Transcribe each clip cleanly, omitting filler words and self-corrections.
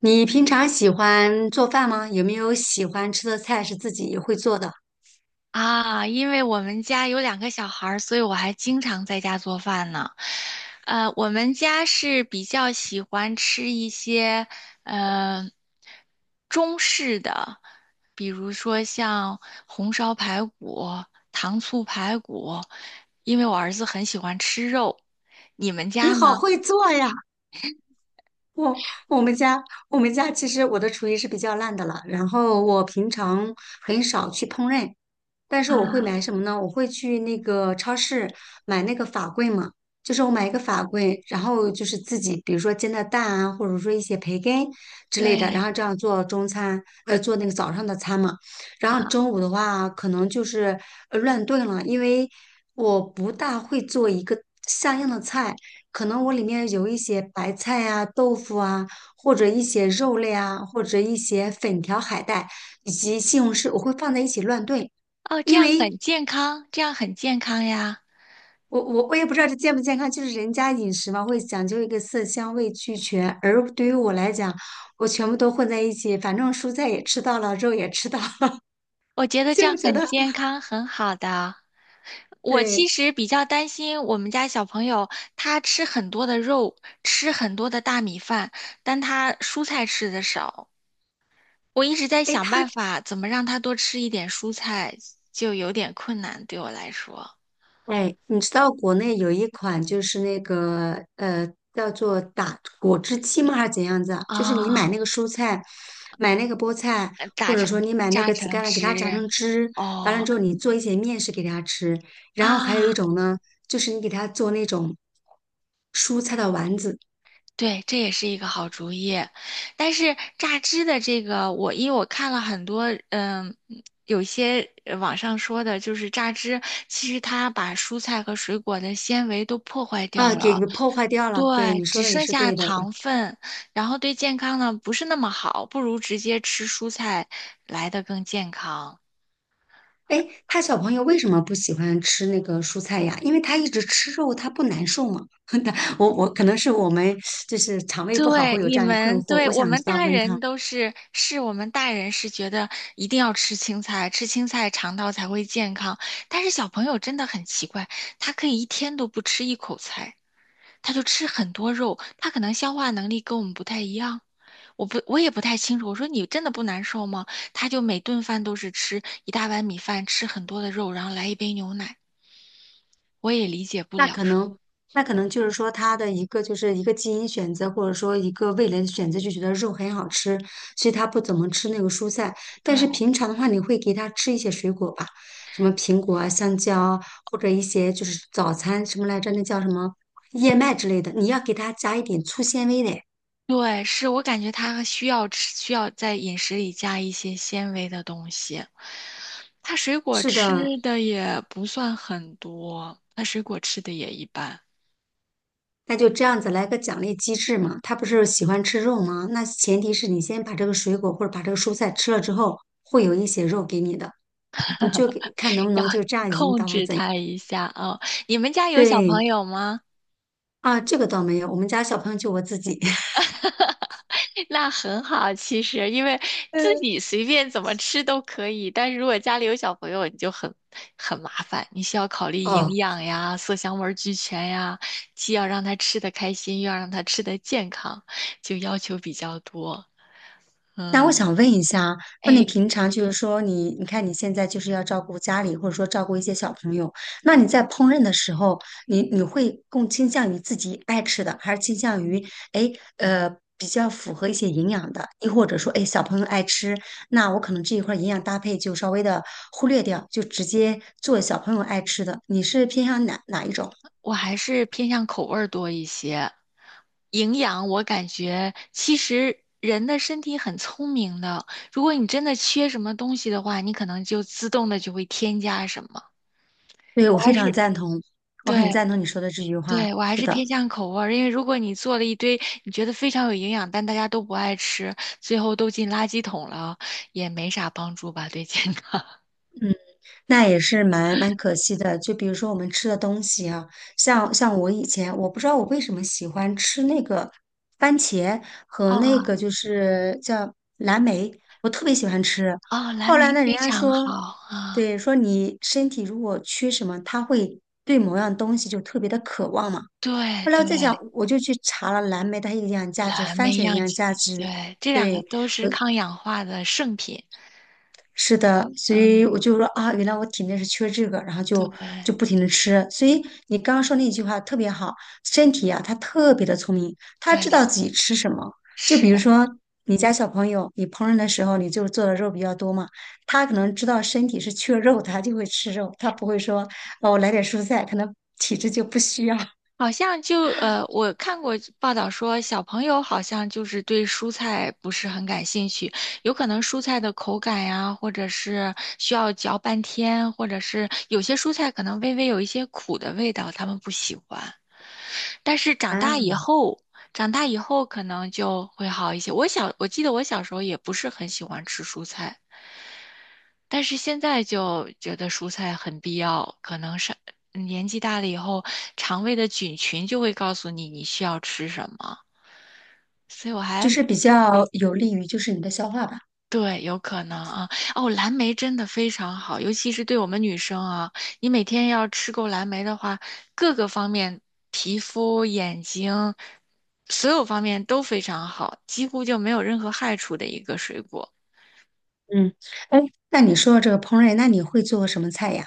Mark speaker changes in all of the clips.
Speaker 1: 你平常喜欢做饭吗？有没有喜欢吃的菜是自己会做的？
Speaker 2: 啊，因为我们家有两个小孩儿，所以我还经常在家做饭呢。我们家是比较喜欢吃一些呃中式的，比如说像红烧排骨、糖醋排骨，因为我儿子很喜欢吃肉。你们
Speaker 1: 你
Speaker 2: 家
Speaker 1: 好
Speaker 2: 呢？
Speaker 1: 会做呀！我我们家我们家其实我的厨艺是比较烂的了，然后我平常很少去烹饪，但是我会
Speaker 2: 啊，
Speaker 1: 买什么呢？我会去那个超市买那个法棍嘛，就是我买一个法棍，然后就是自己，比如说煎的蛋啊，或者说一些培根之类的，然
Speaker 2: 对
Speaker 1: 后这样做中餐，做那个早上的餐嘛。然后
Speaker 2: 啊，
Speaker 1: 中午的话，可能就是乱炖了，因为我不大会做一个像样的菜，可能我里面有一些白菜啊、豆腐啊，或者一些肉类啊，或者一些粉条、海带以及西红柿，我会放在一起乱炖。
Speaker 2: 哦，这
Speaker 1: 因
Speaker 2: 样
Speaker 1: 为
Speaker 2: 很健康，这样很健康呀。
Speaker 1: 我也不知道这健不健康，就是人家饮食嘛，会讲究一个色香味俱全，而对于我来讲，我全部都混在一起，反正蔬菜也吃到了，肉也吃到了，
Speaker 2: 我觉 得这样
Speaker 1: 就觉
Speaker 2: 很
Speaker 1: 得
Speaker 2: 健康，很好的。我其
Speaker 1: 对。
Speaker 2: 实比较担心我们家小朋友，他吃很多的肉，吃很多的大米饭，但他蔬菜吃的少。我一直在
Speaker 1: 哎，
Speaker 2: 想
Speaker 1: 他
Speaker 2: 办法怎么让他多吃一点蔬菜，就有点困难对我来说。
Speaker 1: 哎，你知道国内有一款就是那个叫做打果汁机吗？还是怎样子啊？就是你
Speaker 2: 啊，
Speaker 1: 买那个蔬菜，买那个菠菜，
Speaker 2: 呃榨
Speaker 1: 或者说
Speaker 2: 成
Speaker 1: 你买那
Speaker 2: 榨
Speaker 1: 个紫
Speaker 2: 成
Speaker 1: 甘蓝，给
Speaker 2: 汁，
Speaker 1: 它榨成汁，完了
Speaker 2: 哦
Speaker 1: 之后你做一些面食给它吃。然后还有一
Speaker 2: 啊，
Speaker 1: 种呢，就是你给它做那种蔬菜的丸子
Speaker 2: 对，这也是一个好主意，但是榨汁的这个，我因为我看了很多，嗯，有一些网上说的，就是榨汁，其实它把蔬菜和水果的纤维都破坏
Speaker 1: 啊，
Speaker 2: 掉
Speaker 1: 给
Speaker 2: 了，
Speaker 1: 破坏掉了。对，你
Speaker 2: 对，只
Speaker 1: 说的也
Speaker 2: 剩
Speaker 1: 是
Speaker 2: 下
Speaker 1: 对的。
Speaker 2: 糖分，然后对健康呢不是那么好，不如直接吃蔬菜来的更健康。
Speaker 1: 哎，他小朋友为什么不喜欢吃那个蔬菜呀？因为他一直吃肉，他不难受吗？他我我可能是我们就是肠胃不好
Speaker 2: 对，
Speaker 1: 会有
Speaker 2: 你
Speaker 1: 这样一困
Speaker 2: 们，
Speaker 1: 惑，
Speaker 2: 对，
Speaker 1: 我想知道问他，
Speaker 2: 我们大人是觉得一定要吃青菜，吃青菜肠道才会健康。但是小朋友真的很奇怪，他可以一天都不吃一口菜，他就吃很多肉，他可能消化能力跟我们不太一样。我也不太清楚。我说你真的不难受吗？他就每顿饭都是吃一大碗米饭，吃很多的肉，然后来一杯牛奶。我也理解不
Speaker 1: 那
Speaker 2: 了，
Speaker 1: 可
Speaker 2: 说
Speaker 1: 能那可能就是说他的一个就是一个基因选择，或者说一个味蕾的选择，就觉得肉很好吃，所以他不怎么吃那个蔬菜。但是
Speaker 2: 对。
Speaker 1: 平常的话，你会给他吃一些水果吧，什么苹果啊、香蕉啊，或者一些就是早餐什么来着，那叫什么燕麦之类的，你要给他加一点粗纤维的。
Speaker 2: 对，是我感觉他需要吃，需要在饮食里加一些纤维的东西。他水果
Speaker 1: 是
Speaker 2: 吃
Speaker 1: 的，
Speaker 2: 的也不算很多，他水果吃的也一般，
Speaker 1: 那就这样子来个奖励机制嘛。他不是喜欢吃肉吗？那前提是你先把这个水果或者把这个蔬菜吃了之后，会有一些肉给你的，你就给看能不
Speaker 2: 要
Speaker 1: 能就这样引
Speaker 2: 控
Speaker 1: 导啊
Speaker 2: 制
Speaker 1: 怎样。
Speaker 2: 他一下啊，哦你们家有小
Speaker 1: 对
Speaker 2: 朋友吗？
Speaker 1: 啊，这个倒没有，我们家小朋友就我自己。
Speaker 2: 那很好，其实因为自
Speaker 1: 嗯，
Speaker 2: 己随便怎么吃都可以，但是如果家里有小朋友，你就很麻烦，你需要考虑营
Speaker 1: 哦，
Speaker 2: 养呀、色香味俱全呀，既要让他吃得开心，又要让他吃得健康，就要求比较多。
Speaker 1: 那我
Speaker 2: 嗯，
Speaker 1: 想问一下，那你
Speaker 2: 哎，
Speaker 1: 平常就是说你，你看你现在就是要照顾家里，或者说照顾一些小朋友，那你在烹饪的时候，你你会更倾向于自己爱吃的，还是倾向于哎呃比较符合一些营养的，亦或者说哎小朋友爱吃，那我可能这一块儿营养搭配就稍微的忽略掉，就直接做小朋友爱吃的，你是偏向哪一种？
Speaker 2: 我还是偏向口味儿多一些。营养，我感觉其实人的身体很聪明的，如果你真的缺什么东西的话，你可能就自动的就会添加什么。
Speaker 1: 对，
Speaker 2: 我
Speaker 1: 我非
Speaker 2: 还
Speaker 1: 常
Speaker 2: 是。
Speaker 1: 赞同，我很
Speaker 2: 对
Speaker 1: 赞同你说的这句话，
Speaker 2: 对，我还
Speaker 1: 是
Speaker 2: 是
Speaker 1: 的。
Speaker 2: 偏向口味儿，因为如果你做了一堆你觉得非常有营养，但大家都不爱吃，最后都进垃圾桶了啊，也没啥帮助吧，对健康。
Speaker 1: 那也是蛮可惜的。就比如说我们吃的东西啊，像我以前我不知道我为什么喜欢吃那个番茄 和那
Speaker 2: 哦
Speaker 1: 个就是叫蓝莓，我特别喜欢吃。
Speaker 2: 哦，蓝
Speaker 1: 后来
Speaker 2: 莓
Speaker 1: 呢，人
Speaker 2: 非
Speaker 1: 家
Speaker 2: 常
Speaker 1: 说，
Speaker 2: 好啊，
Speaker 1: 对，说你身体如果缺什么，它会对某样东西就特别的渴望嘛。
Speaker 2: 对
Speaker 1: 后来我
Speaker 2: 对，
Speaker 1: 在想，我就去查了蓝莓它营养价值，
Speaker 2: 蓝
Speaker 1: 番
Speaker 2: 莓
Speaker 1: 茄的营
Speaker 2: 漾
Speaker 1: 养价
Speaker 2: 起，
Speaker 1: 值，
Speaker 2: 对，这两个
Speaker 1: 对。
Speaker 2: 都是抗氧化的圣品。
Speaker 1: 是的，所以
Speaker 2: 嗯，
Speaker 1: 我就说啊，原来我体内是缺这个，然后
Speaker 2: 对
Speaker 1: 就就不停的吃。所以你刚刚说那句话特别好，身体啊，它特别的聪明，它
Speaker 2: 对，
Speaker 1: 知道自己吃什么。就
Speaker 2: 是。
Speaker 1: 比如说你家小朋友，你烹饪的时候你就做的肉比较多嘛，他可能知道身体是缺肉，他就会吃肉，他不会说哦，我来点蔬菜，可能体质就不需要。
Speaker 2: 好像我看过报道说，小朋友好像就是对蔬菜不是很感兴趣，有可能蔬菜的口感呀，或者是需要嚼半天，或者是有些蔬菜可能微微有一些苦的味道，他们不喜欢。但是长大以
Speaker 1: 啊，
Speaker 2: 后，长大以后可能就会好一些。我记得我小时候也不是很喜欢吃蔬菜。但是现在就觉得蔬菜很必要，可能是年纪大了以后，肠胃的菌群就会告诉你你需要吃什么，所以我
Speaker 1: 就
Speaker 2: 还
Speaker 1: 是比较有利于就是你的消化吧。
Speaker 2: 对，有可能啊。哦，蓝莓真的非常好，尤其是对我们女生啊，你每天要吃够蓝莓的话，各个方面，皮肤、眼睛，所有方面都非常好，几乎就没有任何害处的一个水果。
Speaker 1: 嗯，哎，那你说到这个烹饪，那你会做什么菜呀？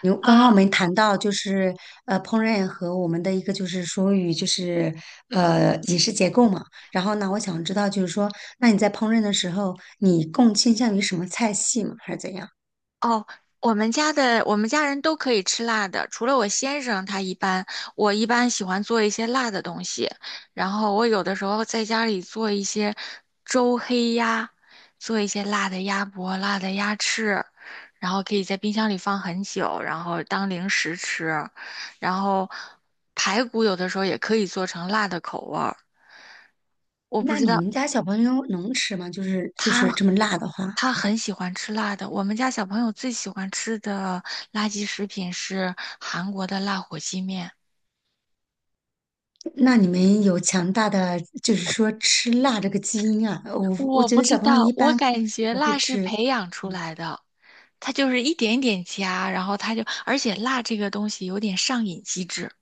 Speaker 1: 有，刚刚
Speaker 2: 啊。
Speaker 1: 我们谈到就是烹饪和我们的一个就是属于就是饮食结构嘛，然后呢，我想知道就是说，那你在烹饪的时候，你更倾向于什么菜系嘛还是怎样？
Speaker 2: 我们家人都可以吃辣的，除了我先生，他一般我一般喜欢做一些辣的东西，然后我有的时候在家里做一些周黑鸭，做一些辣的鸭脖、辣的鸭翅，然后可以在冰箱里放很久，然后当零食吃，然后排骨有的时候也可以做成辣的口味儿，我不
Speaker 1: 那
Speaker 2: 知
Speaker 1: 你
Speaker 2: 道
Speaker 1: 们家小朋友能吃吗？就是就
Speaker 2: 他
Speaker 1: 是这么辣的话，
Speaker 2: 他很喜欢吃辣的。我们家小朋友最喜欢吃的垃圾食品是韩国的辣火鸡面。
Speaker 1: 那你们有强大的就是说吃辣这个基因啊？我
Speaker 2: 我
Speaker 1: 觉
Speaker 2: 不
Speaker 1: 得
Speaker 2: 知
Speaker 1: 小朋友
Speaker 2: 道，
Speaker 1: 一
Speaker 2: 我
Speaker 1: 般
Speaker 2: 感觉
Speaker 1: 不会
Speaker 2: 辣是
Speaker 1: 吃。
Speaker 2: 培养出来的，它就是一点一点加，然后它就，而且辣这个东西有点上瘾机制。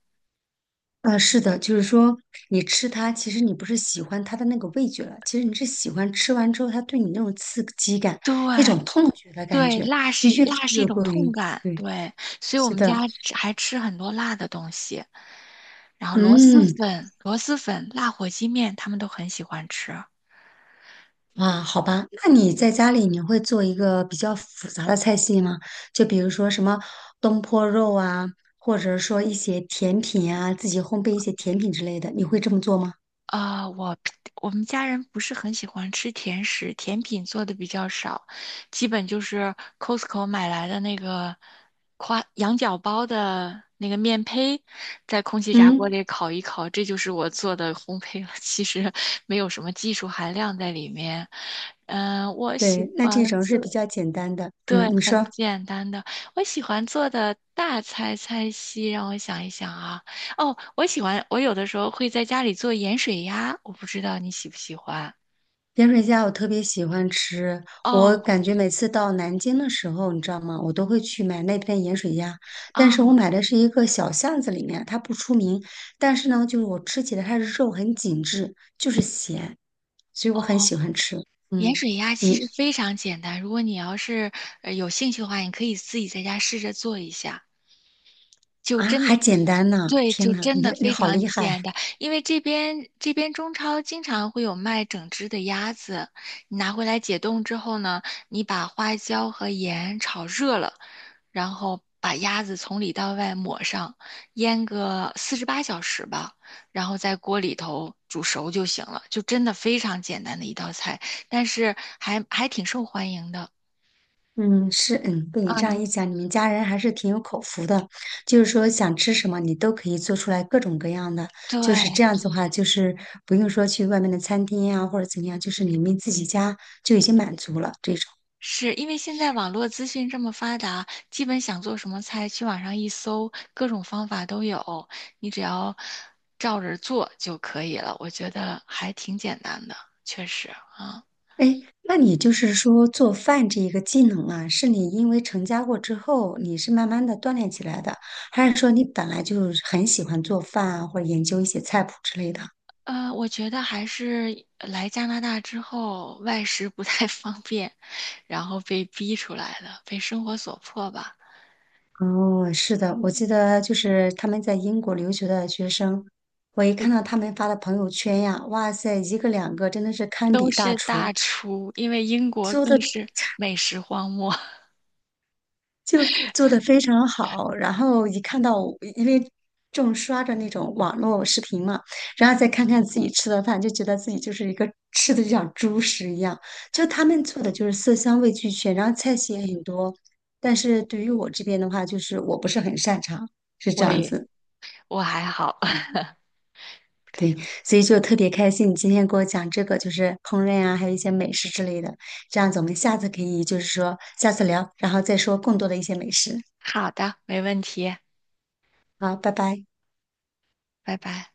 Speaker 1: 是的，就是说你吃它，其实你不是喜欢它的那个味觉了，其实你是喜欢吃完之后它对你那种刺激感、
Speaker 2: 对
Speaker 1: 那种痛觉的感
Speaker 2: 对，
Speaker 1: 觉，就越吃
Speaker 2: 辣是一
Speaker 1: 越
Speaker 2: 种
Speaker 1: 过
Speaker 2: 痛
Speaker 1: 瘾。
Speaker 2: 感，
Speaker 1: 对，
Speaker 2: 对，所以我
Speaker 1: 是
Speaker 2: 们
Speaker 1: 的，
Speaker 2: 家吃还吃很多辣的东西，然后
Speaker 1: 嗯，
Speaker 2: 螺蛳粉、辣火鸡面，他们都很喜欢吃。
Speaker 1: 啊，好吧，那你在家里你会做一个比较复杂的菜系吗？就比如说什么东坡肉啊，或者说一些甜品啊，自己烘焙一些甜品之类的，你会这么做吗？
Speaker 2: 啊、我 我们家人不是很喜欢吃甜食，甜品做的比较少，基本就是 Costco 买来的那个夸羊角包的那个面胚，在空气炸锅
Speaker 1: 嗯，
Speaker 2: 里烤一烤，这就是我做的烘焙了。其实没有什么技术含量在里面。嗯、我
Speaker 1: 对，
Speaker 2: 喜
Speaker 1: 那这
Speaker 2: 欢
Speaker 1: 种是比
Speaker 2: 做。
Speaker 1: 较简单的。
Speaker 2: 对，
Speaker 1: 嗯，你
Speaker 2: 很
Speaker 1: 说。
Speaker 2: 简单的。我喜欢做的大菜菜系，让我想一想啊。哦，我喜欢，我有的时候会在家里做盐水鸭，我不知道你喜不喜欢。
Speaker 1: 盐水鸭我特别喜欢吃，我感
Speaker 2: 哦，
Speaker 1: 觉每次到南京的时候，你知道吗？我都会去买那边盐水鸭，但
Speaker 2: 啊，
Speaker 1: 是我买的是一个小巷子里面，它不出名，但是呢，就是我吃起来它的肉很紧致，就是咸，所以我很喜
Speaker 2: 哦，
Speaker 1: 欢吃。
Speaker 2: 盐
Speaker 1: 嗯，
Speaker 2: 水鸭其
Speaker 1: 你
Speaker 2: 实非常简单。如果你要是有兴趣的话，你可以自己在家试着做一下。就
Speaker 1: 啊
Speaker 2: 真，
Speaker 1: 还简单呢，
Speaker 2: 对，
Speaker 1: 天
Speaker 2: 就
Speaker 1: 呐，
Speaker 2: 真
Speaker 1: 你
Speaker 2: 的
Speaker 1: 你
Speaker 2: 非
Speaker 1: 好
Speaker 2: 常
Speaker 1: 厉害！
Speaker 2: 简单。因为这边中超经常会有卖整只的鸭子，你拿回来解冻之后呢，你把花椒和盐炒热了，然后把鸭子从里到外抹上，腌个四十八小时吧，然后在锅里头煮熟就行了，就真的非常简单的一道菜，但是还挺受欢迎的
Speaker 1: 嗯，是，嗯，被你
Speaker 2: 啊，
Speaker 1: 这样
Speaker 2: 你
Speaker 1: 一讲，你们家人还是挺有口福的，就是说想吃什么你都可以做出来各种各样的，就是这
Speaker 2: 对。
Speaker 1: 样子的话，就是不用说去外面的餐厅呀、或者怎么样，就是你们自己家就已经满足了这种。
Speaker 2: 是因为现在网络资讯这么发达，基本想做什么菜，去网上一搜，各种方法都有，你只要照着做就可以了。我觉得还挺简单的，确实啊。
Speaker 1: 哎，那你就是说做饭这一个技能啊，是你因为成家过之后，你是慢慢的锻炼起来的，还是说你本来就很喜欢做饭啊，或者研究一些菜谱之类的？
Speaker 2: 呃，我觉得还是来加拿大之后，外食不太 方便，然后被逼出来的，被生活所迫吧。
Speaker 1: 哦，是的，我记得就是他们在英国留学的学生，我一看到他们发的朋友圈呀，哇塞，一个两个真的是堪
Speaker 2: 都
Speaker 1: 比大
Speaker 2: 是
Speaker 1: 厨，
Speaker 2: 大厨，因为英国
Speaker 1: 做
Speaker 2: 更
Speaker 1: 的
Speaker 2: 是美食荒漠。
Speaker 1: 就做的非常好。然后一看到我因为正刷着那种网络视频嘛，然后再看看自己吃的饭，就觉得自己就是一个吃的就像猪食一样。就他们做的就是色香味俱全，然后菜系也很多。但是对于我这边的话，就是我不是很擅长，是这
Speaker 2: 我
Speaker 1: 样
Speaker 2: 也，
Speaker 1: 子。
Speaker 2: 我还好。
Speaker 1: 嗯 对，所以就特别开心，你今天给我讲这个，就是烹饪啊，还有一些美食之类的。这样子，我们下次可以就是说下次聊，然后再说更多的一些美食。
Speaker 2: 好的，没问题。
Speaker 1: 好，拜拜。
Speaker 2: 拜拜。